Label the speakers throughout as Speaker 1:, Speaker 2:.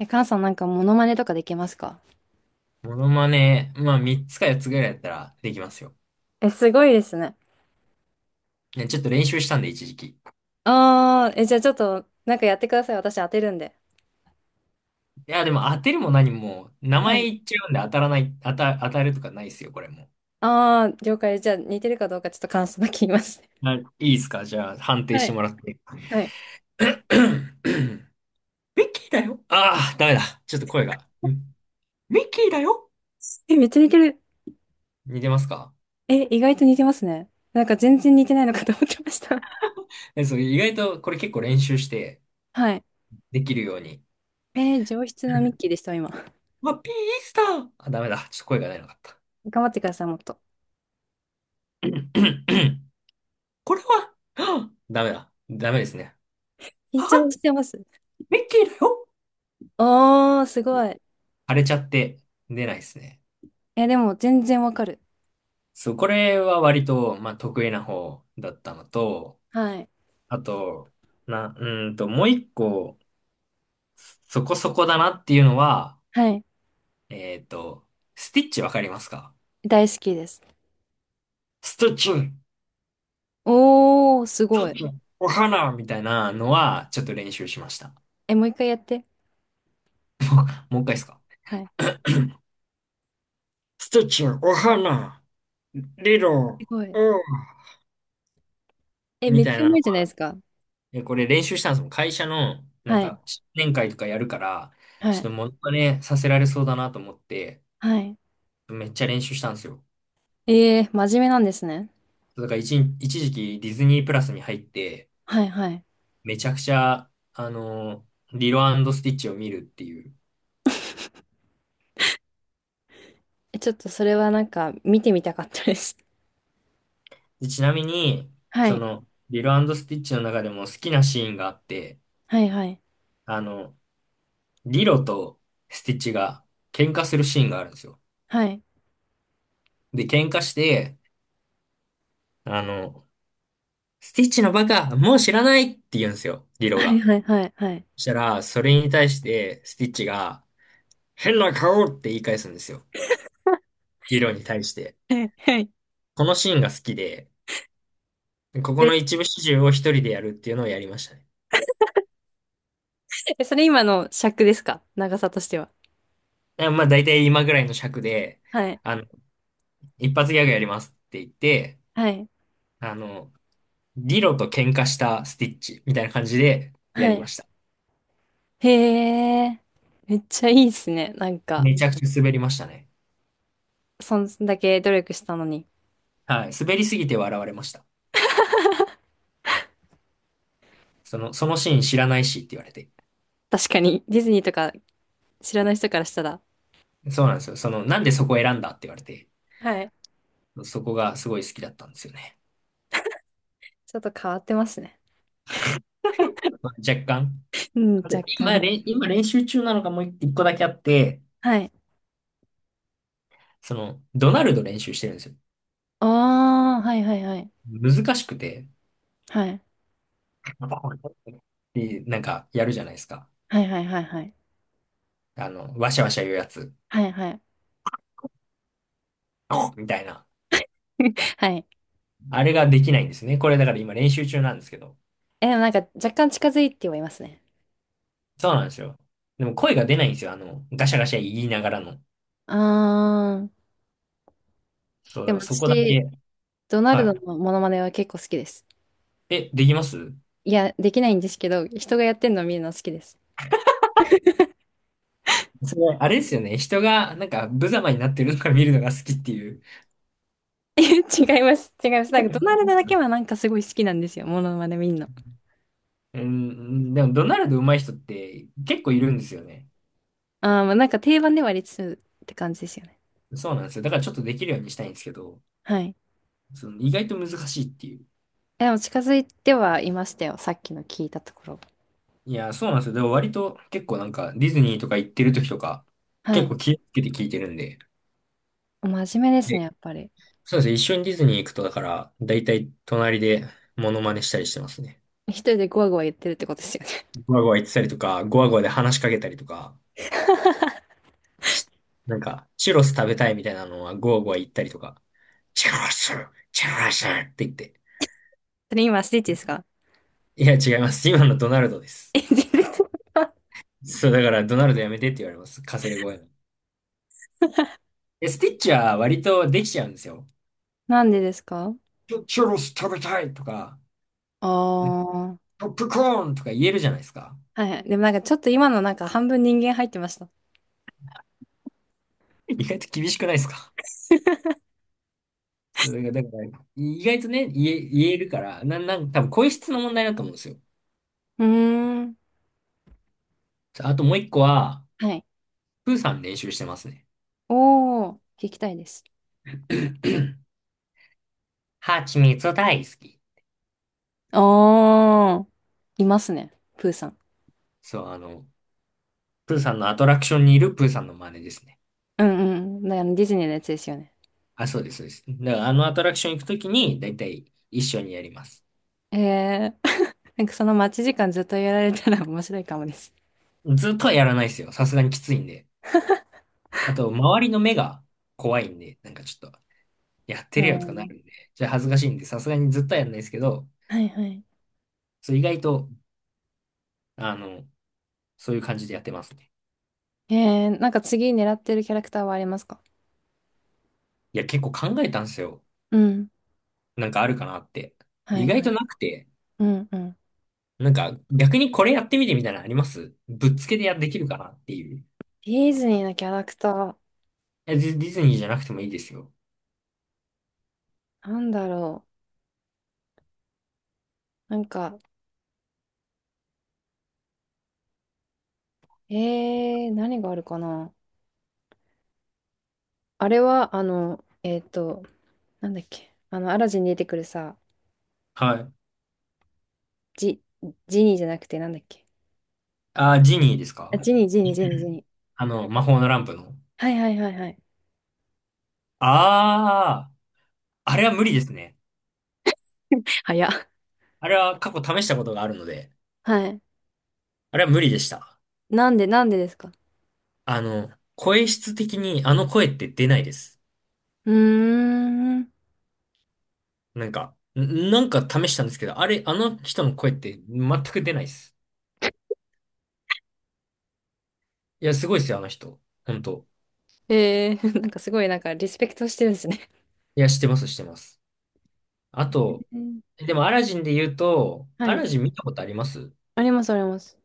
Speaker 1: え、カンさんなんかモノマネとかできますか？
Speaker 2: モノマネ、まあ3つか4つぐらいやったらできますよ。
Speaker 1: え、すごいですね。
Speaker 2: ね、ちょっと練習したんで一時期。
Speaker 1: ああー、え、じゃあちょっと、なんかやってください。私当てるんで。
Speaker 2: いや、でも当てるも何も、名
Speaker 1: は
Speaker 2: 前
Speaker 1: い。
Speaker 2: 言っちゃうんで当たるとかないですよ、これも
Speaker 1: ああ、了解。じゃあ似てるかどうかちょっと感想だけ言いますね。
Speaker 2: う。はいいいですかじゃあ判 定
Speaker 1: は
Speaker 2: して
Speaker 1: い。
Speaker 2: もらって。
Speaker 1: はい。
Speaker 2: ミッキーだよ。ああ、ダメだ。ちょっと声が。うんミッキーだよ。
Speaker 1: え、めっちゃ似てる。
Speaker 2: 似てますか？
Speaker 1: え、意外と似てますね。なんか全然似てないのかと思ってました。
Speaker 2: そう、意外とこれ結構練習して
Speaker 1: はい。
Speaker 2: できるように。
Speaker 1: えー上質なミッ キーでした、今。
Speaker 2: まあ、ピースター。あ、ダメだ。ちょっと声が出なかった。
Speaker 1: 頑張ってください、もっと。
Speaker 2: これは、ダメだ。ダメですね。
Speaker 1: 緊張してます。
Speaker 2: ミッキーだよ。
Speaker 1: おー、すごい。
Speaker 2: 腫れちゃって出ないですね。
Speaker 1: え、でも全然わかる。
Speaker 2: そう、これは割と、まあ、得意な方だったのと、
Speaker 1: はい。
Speaker 2: あと、な、うーんと、もう一個、そこそこだなっていうのは、
Speaker 1: はい。
Speaker 2: えっと、スティッチわかりますか？
Speaker 1: 大好きです。
Speaker 2: ステ
Speaker 1: おー、すご
Speaker 2: ィッ
Speaker 1: い。
Speaker 2: チ、お花みたいなのは、ちょっと練習しました。
Speaker 1: え、もう一回やって。
Speaker 2: もう一回ですか？
Speaker 1: はい、
Speaker 2: スティッチ、お花、リロ、
Speaker 1: すご
Speaker 2: お
Speaker 1: い。え、め
Speaker 2: み
Speaker 1: っ
Speaker 2: たい
Speaker 1: ちゃう
Speaker 2: なの
Speaker 1: まいじゃないですか。
Speaker 2: で、これ練習したんですもん。会社の、
Speaker 1: はい。
Speaker 2: 新年会とかやるから、
Speaker 1: は
Speaker 2: ちょっ
Speaker 1: い。
Speaker 2: とモノマネさせられそうだなと思って、
Speaker 1: はい。
Speaker 2: めっちゃ練習したんですよ。
Speaker 1: ええ真面目なんですね。
Speaker 2: だから一、一時期ディズニープラスに入って、
Speaker 1: はい、はい。
Speaker 2: めちゃくちゃ、リロスティッチを見るっていう。
Speaker 1: え、ちょっとそれはなんか見てみたかったです。
Speaker 2: でちなみに、
Speaker 1: は
Speaker 2: そ
Speaker 1: い。
Speaker 2: の、リロスティッチの中でも好きなシーンがあって、
Speaker 1: はい、はい。
Speaker 2: あの、リロとスティッチが喧嘩するシーンがあるんですよ。
Speaker 1: はい。
Speaker 2: で、喧嘩して、あの、スティッチのバカ、もう知らないって言うんですよ、リロ
Speaker 1: はい、
Speaker 2: が。
Speaker 1: はい、はい。はい。
Speaker 2: そしたら、それに対して、スティッチが、変な顔って言い返すんですよ。リロに対して。
Speaker 1: はいはい。
Speaker 2: このシーンが好きで、ここ
Speaker 1: で、
Speaker 2: の一部始終を一人でやるっていうのをやりましたね。
Speaker 1: え、それ今の尺ですか？長さとしては。
Speaker 2: でまあ、大体今ぐらいの尺で、
Speaker 1: はい。
Speaker 2: あの、一発ギャグやりますって言って、
Speaker 1: はい。
Speaker 2: あの、リロと喧嘩したスティッチみたいな感じでや
Speaker 1: は
Speaker 2: りま
Speaker 1: い。
Speaker 2: した。
Speaker 1: へえ。めっちゃいいですね。なんか、
Speaker 2: めちゃくちゃ滑りましたね。
Speaker 1: そんだけ努力したのに。
Speaker 2: はい。滑りすぎて笑われました。そのシーン知らないしって言われて。
Speaker 1: 確かに、ディズニーとか知らない人からしたら。
Speaker 2: そうなんですよ。その、なんでそこを選んだって言われて、
Speaker 1: はい。
Speaker 2: そこがすごい好きだったんですよね。
Speaker 1: ちょっと変わってますね。
Speaker 2: まあ、若干。
Speaker 1: うん、若
Speaker 2: で今、
Speaker 1: 干。
Speaker 2: 練習中なのがもう一個だけあって、
Speaker 1: はい。
Speaker 2: その、ドナルド練習してるんですよ。
Speaker 1: ああ、はいはいはい。
Speaker 2: 難しくて、
Speaker 1: はい。
Speaker 2: で、なんかやるじゃないですか。
Speaker 1: はいはいはいはい。
Speaker 2: わしゃわしゃ言うやつ、
Speaker 1: はいはい。
Speaker 2: みたいな。
Speaker 1: はい。
Speaker 2: あれができないんですね。これだから今練習中なんですけど。
Speaker 1: え、でもなんか若干近づいてはいますね。
Speaker 2: そうなんですよ。でも声が出ないんですよ。ガシャガシャ言いながらの。
Speaker 1: ああ、
Speaker 2: そう、
Speaker 1: で
Speaker 2: だか
Speaker 1: も
Speaker 2: らそこだ
Speaker 1: 私、
Speaker 2: け。
Speaker 1: ドナルド
Speaker 2: は
Speaker 1: のモノマネは結構好きです。
Speaker 2: い。え、できます？
Speaker 1: いや、できないんですけど、人がやってんのを見るのは好きです。
Speaker 2: それあれですよね。人が、なんか、無様になってるのが見るのが好きっていう。
Speaker 1: 違います。違います。な
Speaker 2: 本
Speaker 1: んかド
Speaker 2: 当
Speaker 1: ナル
Speaker 2: で
Speaker 1: ド
Speaker 2: す
Speaker 1: だ
Speaker 2: か？
Speaker 1: けはなんかすごい好きなんですよ。モノマネ見んの。
Speaker 2: うん、でも、ドナルド上手い人って結構いるんですよね。
Speaker 1: あー、まあ、なんか定番ではありつつって感じですよね。
Speaker 2: そうなんですよ。だからちょっとできるようにしたいんですけど、
Speaker 1: はい。
Speaker 2: その意外と難しいっていう。
Speaker 1: えでも近づいてはいましたよ。さっきの聞いたところ。
Speaker 2: いや、そうなんですよ。でも割と結構なんか、ディズニーとか行ってる時とか、
Speaker 1: は
Speaker 2: 結
Speaker 1: い。
Speaker 2: 構気をつけて聞いてるんで。
Speaker 1: 真面目ですね、や
Speaker 2: で、
Speaker 1: っぱり。
Speaker 2: そうですね。一緒にディズニー行くと、だから、だいたい隣でモノマネしたりしてますね。
Speaker 1: 一人でゴワゴワ言ってるってことですよね。
Speaker 2: ゴワゴワ言ってたりとか、ゴワゴワで話しかけたりとか。しなんか、チュロス食べたいみたいなのはゴーゴー言ったりとか、チュロス、チュロスって言って。
Speaker 1: それ今スティッチですか？
Speaker 2: いや、違います。今のドナルドです。
Speaker 1: え全然違う。
Speaker 2: そう、だからドナルドやめてって言われます。かすれ声の。え、スティッチは割とできちゃうんですよ。
Speaker 1: なんでですか？
Speaker 2: チュロス食べたいとか、
Speaker 1: あ
Speaker 2: ね
Speaker 1: あー。
Speaker 2: ポップコーンとか言えるじゃないですか。
Speaker 1: はいはい。でもなんかちょっと今のなんか半分人間入ってました。
Speaker 2: 意外と厳しくないですか？そうだから、だから意外とね、言えるから、なんか多分声質の問題だと思うんですよ。
Speaker 1: うーん。
Speaker 2: あともう一個は、
Speaker 1: はい。
Speaker 2: プーさん練習してますね。
Speaker 1: おー、聞きたいです。
Speaker 2: ハチミツ大好き。
Speaker 1: あー。いますね。プーさん。
Speaker 2: そう、プーさんのアトラクションにいるプーさんの真似ですね。
Speaker 1: うんうん。だからディズニーのやつですよね。
Speaker 2: あ、そうです、そうです。だからあのアトラクション行くときに、だいたい一緒にやります。
Speaker 1: ええー。なんかその待ち時間ずっとやられたら面白いかもです。
Speaker 2: ずっとはやらないですよ。さすがにきついんで。あと、周りの目が怖いんで、なんかちょっと、やっ
Speaker 1: う
Speaker 2: てるよとかな
Speaker 1: ん。
Speaker 2: るんで、じゃあ恥ずかしいんで、さすがにずっとはやらないですけど、
Speaker 1: はいはい。
Speaker 2: そう、意外と、あの、そういう感じでやってますね。
Speaker 1: ええー、なんか次狙ってるキャラクターはありますか？
Speaker 2: いや、結構考えたんですよ。
Speaker 1: うん。
Speaker 2: なんかあるかなって。
Speaker 1: は
Speaker 2: 意
Speaker 1: い
Speaker 2: 外
Speaker 1: は
Speaker 2: と
Speaker 1: い。
Speaker 2: なくて、
Speaker 1: うんうん。
Speaker 2: なんか逆にこれやってみてみたいなのありますぶっつけでできるかなっていう。
Speaker 1: ディズニーのキャラクター、
Speaker 2: え、ディズニーじゃなくてもいいですよ。
Speaker 1: なんだろう。なんか、えー、何があるかな。あれは、あの、なんだっけ。あの、アラジンに出てくるさ、
Speaker 2: はい。
Speaker 1: ジ、ジニーじゃなくて、なんだっけ。
Speaker 2: あジニーです
Speaker 1: あ、
Speaker 2: か？
Speaker 1: ジニー、ジニー、ジニー、ジニー。
Speaker 2: 魔法のランプの。
Speaker 1: はいはいはいはい。
Speaker 2: ああ、あれは無理ですね。
Speaker 1: 早っ。
Speaker 2: あれは過去試したことがあるので、
Speaker 1: はい。
Speaker 2: あれは無理でした。
Speaker 1: なんで、なんでですか？
Speaker 2: 声質的にあの声って出ないです。
Speaker 1: うーん。
Speaker 2: なんか、なんか試したんですけど、あれ、あの人の声って全く出ないです。いや、すごいですよ、あの人。本当。
Speaker 1: えー、なんかすごい、なんか、リスペクトしてるんですね。
Speaker 2: いや、してます、してます。あと、
Speaker 1: うん、
Speaker 2: でもアラジンで言うと、
Speaker 1: は
Speaker 2: ア
Speaker 1: い。
Speaker 2: ラジン見たことあります？
Speaker 1: あります、あります。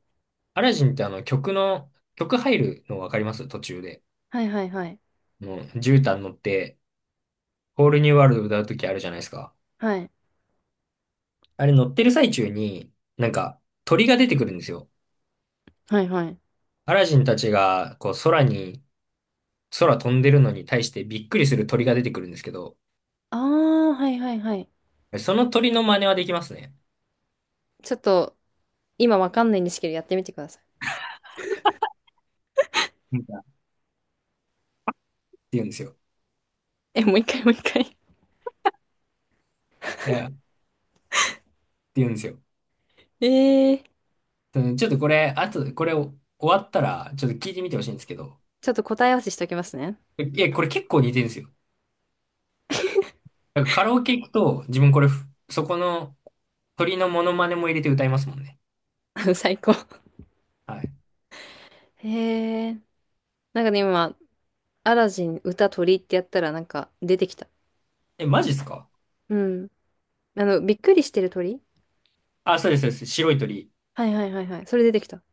Speaker 2: アラジンってあの曲の、曲入るのわかります？途中で。
Speaker 1: はいはいはい。
Speaker 2: 絨毯乗って、ホールニューワールド歌うときあるじゃないですか。
Speaker 1: はい。
Speaker 2: あれ乗ってる最中に、なんか鳥が出てくるんですよ。
Speaker 1: はいはい。
Speaker 2: アラジンたちがこう空に、空飛んでるのに対してびっくりする鳥が出てくるんですけど、
Speaker 1: あー、はいはいはい。
Speaker 2: その鳥の真似はできますね。
Speaker 1: ちょっと、今わかんないんですけど、やってみてください。
Speaker 2: なんかって言うんですよ。
Speaker 1: え、もう一回、もう一回。
Speaker 2: いや、って言うんですよ。
Speaker 1: えー、
Speaker 2: うんちょっとこれ、あと、これ終わったら、ちょっと聞いてみてほしいんですけど、
Speaker 1: ちょっと答え合わせしておきますね。
Speaker 2: いや、これ結構似てるんですよ。なんかカラオケ行くと、自分これ、そこの鳥のモノマネも入れて歌いますもんね。
Speaker 1: 最高。
Speaker 2: はい。
Speaker 1: へー。なんかね、今、アラジン歌鳥ってやったらなんか出てきた。
Speaker 2: え、マジっすか？
Speaker 1: うん。あの、びっくりしてる鳥、
Speaker 2: あ、そうです、そうです。白い鳥。
Speaker 1: はいはいはいはい。それ出てきた。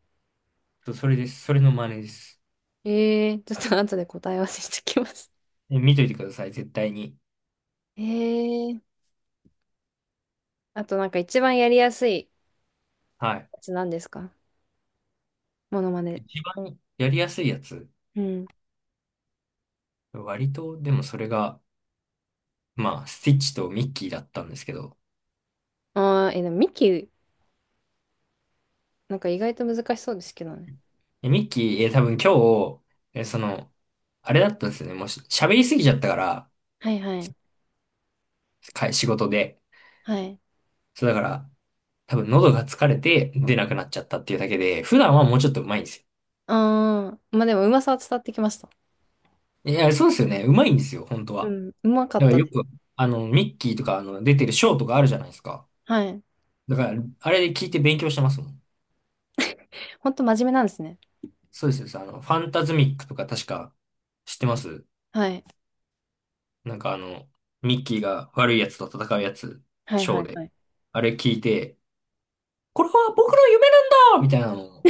Speaker 2: そうそれです。それの真似です。
Speaker 1: えー、ちょっと後で答え合わせしてきます。
Speaker 2: え、見といてください、絶対に。
Speaker 1: えー。あとなんか一番やりやすい
Speaker 2: はい。
Speaker 1: やつなんですか？モノマネ。
Speaker 2: 一番やりやすいやつ。
Speaker 1: うん。
Speaker 2: 割と、でもそれが、まあ、スティッチとミッキーだったんですけど。
Speaker 1: あー、え、でもミキ、なんか意外と難しそうですけどね。
Speaker 2: えミッキー、え、多分日、え、その、あれだったんですよね。もうし喋りすぎちゃったから、
Speaker 1: はいはい。
Speaker 2: 仕事で。
Speaker 1: はい。
Speaker 2: そうだから、多分喉が疲れて出なくなっちゃったっていうだけで、普段はもうちょっと上手いんです
Speaker 1: あー、まあでもうまさは伝わってきました。
Speaker 2: よ。いや、そうですよね。上手いんですよ、本当
Speaker 1: う
Speaker 2: は。
Speaker 1: ん、うまか
Speaker 2: だ
Speaker 1: っ
Speaker 2: から
Speaker 1: た
Speaker 2: よ
Speaker 1: で
Speaker 2: く、
Speaker 1: す。
Speaker 2: ミッキーとか、出てるショーとかあるじゃないですか。
Speaker 1: はい。
Speaker 2: だから、あれで聞いて勉強してますもん。
Speaker 1: ほんと真面目なんですね。
Speaker 2: そうですよ、そうあの、ファンタズミックとか確か知ってます？
Speaker 1: はい。
Speaker 2: なんかあの、ミッキーが悪いやつと戦うやつ、
Speaker 1: はい
Speaker 2: シ
Speaker 1: は
Speaker 2: ョー
Speaker 1: い
Speaker 2: で。
Speaker 1: はい。
Speaker 2: あれ聞いて、これは僕の夢なんだみたいなのを、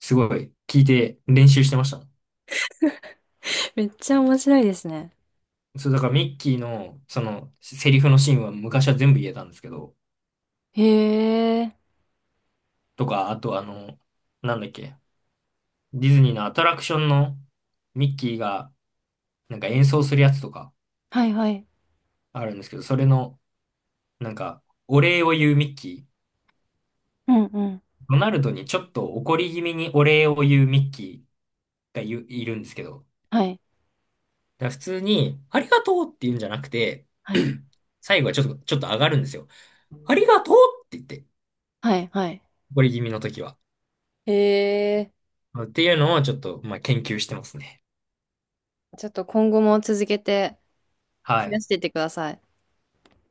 Speaker 2: すごい聞いて練習してましたもん。
Speaker 1: めっちゃ面白いですね。
Speaker 2: そう、だからミッキーの、その、セリフのシーンは昔は全部言えたんですけど、
Speaker 1: へえ。
Speaker 2: とか、あとあの、なんだっけ、ディズニーのアトラクションのミッキーが、なんか演奏するやつとか
Speaker 1: はいはい。
Speaker 2: あるんですけど、それの、なんか、お礼を言うミッキー、
Speaker 1: うんうん。
Speaker 2: ドナルドにちょっと怒り気味にお礼を言うミッキーがいるんですけど、
Speaker 1: はい。
Speaker 2: だから普通に、ありがとうって言うんじゃなくて、
Speaker 1: はい。
Speaker 2: 最後はちょっと、ちょっと上がるんですよ。ありがとうって言って、
Speaker 1: はいはい。
Speaker 2: 怒り気味の時は。
Speaker 1: へえ。
Speaker 2: っていうのをちょっと、まあ、研究してますね。
Speaker 1: ちょっと今後も続けて
Speaker 2: は
Speaker 1: 増や
Speaker 2: い。
Speaker 1: していってください。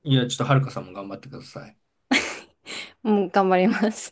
Speaker 2: いや、ちょっとはるかさんも頑張ってください。
Speaker 1: もうん、頑張ります。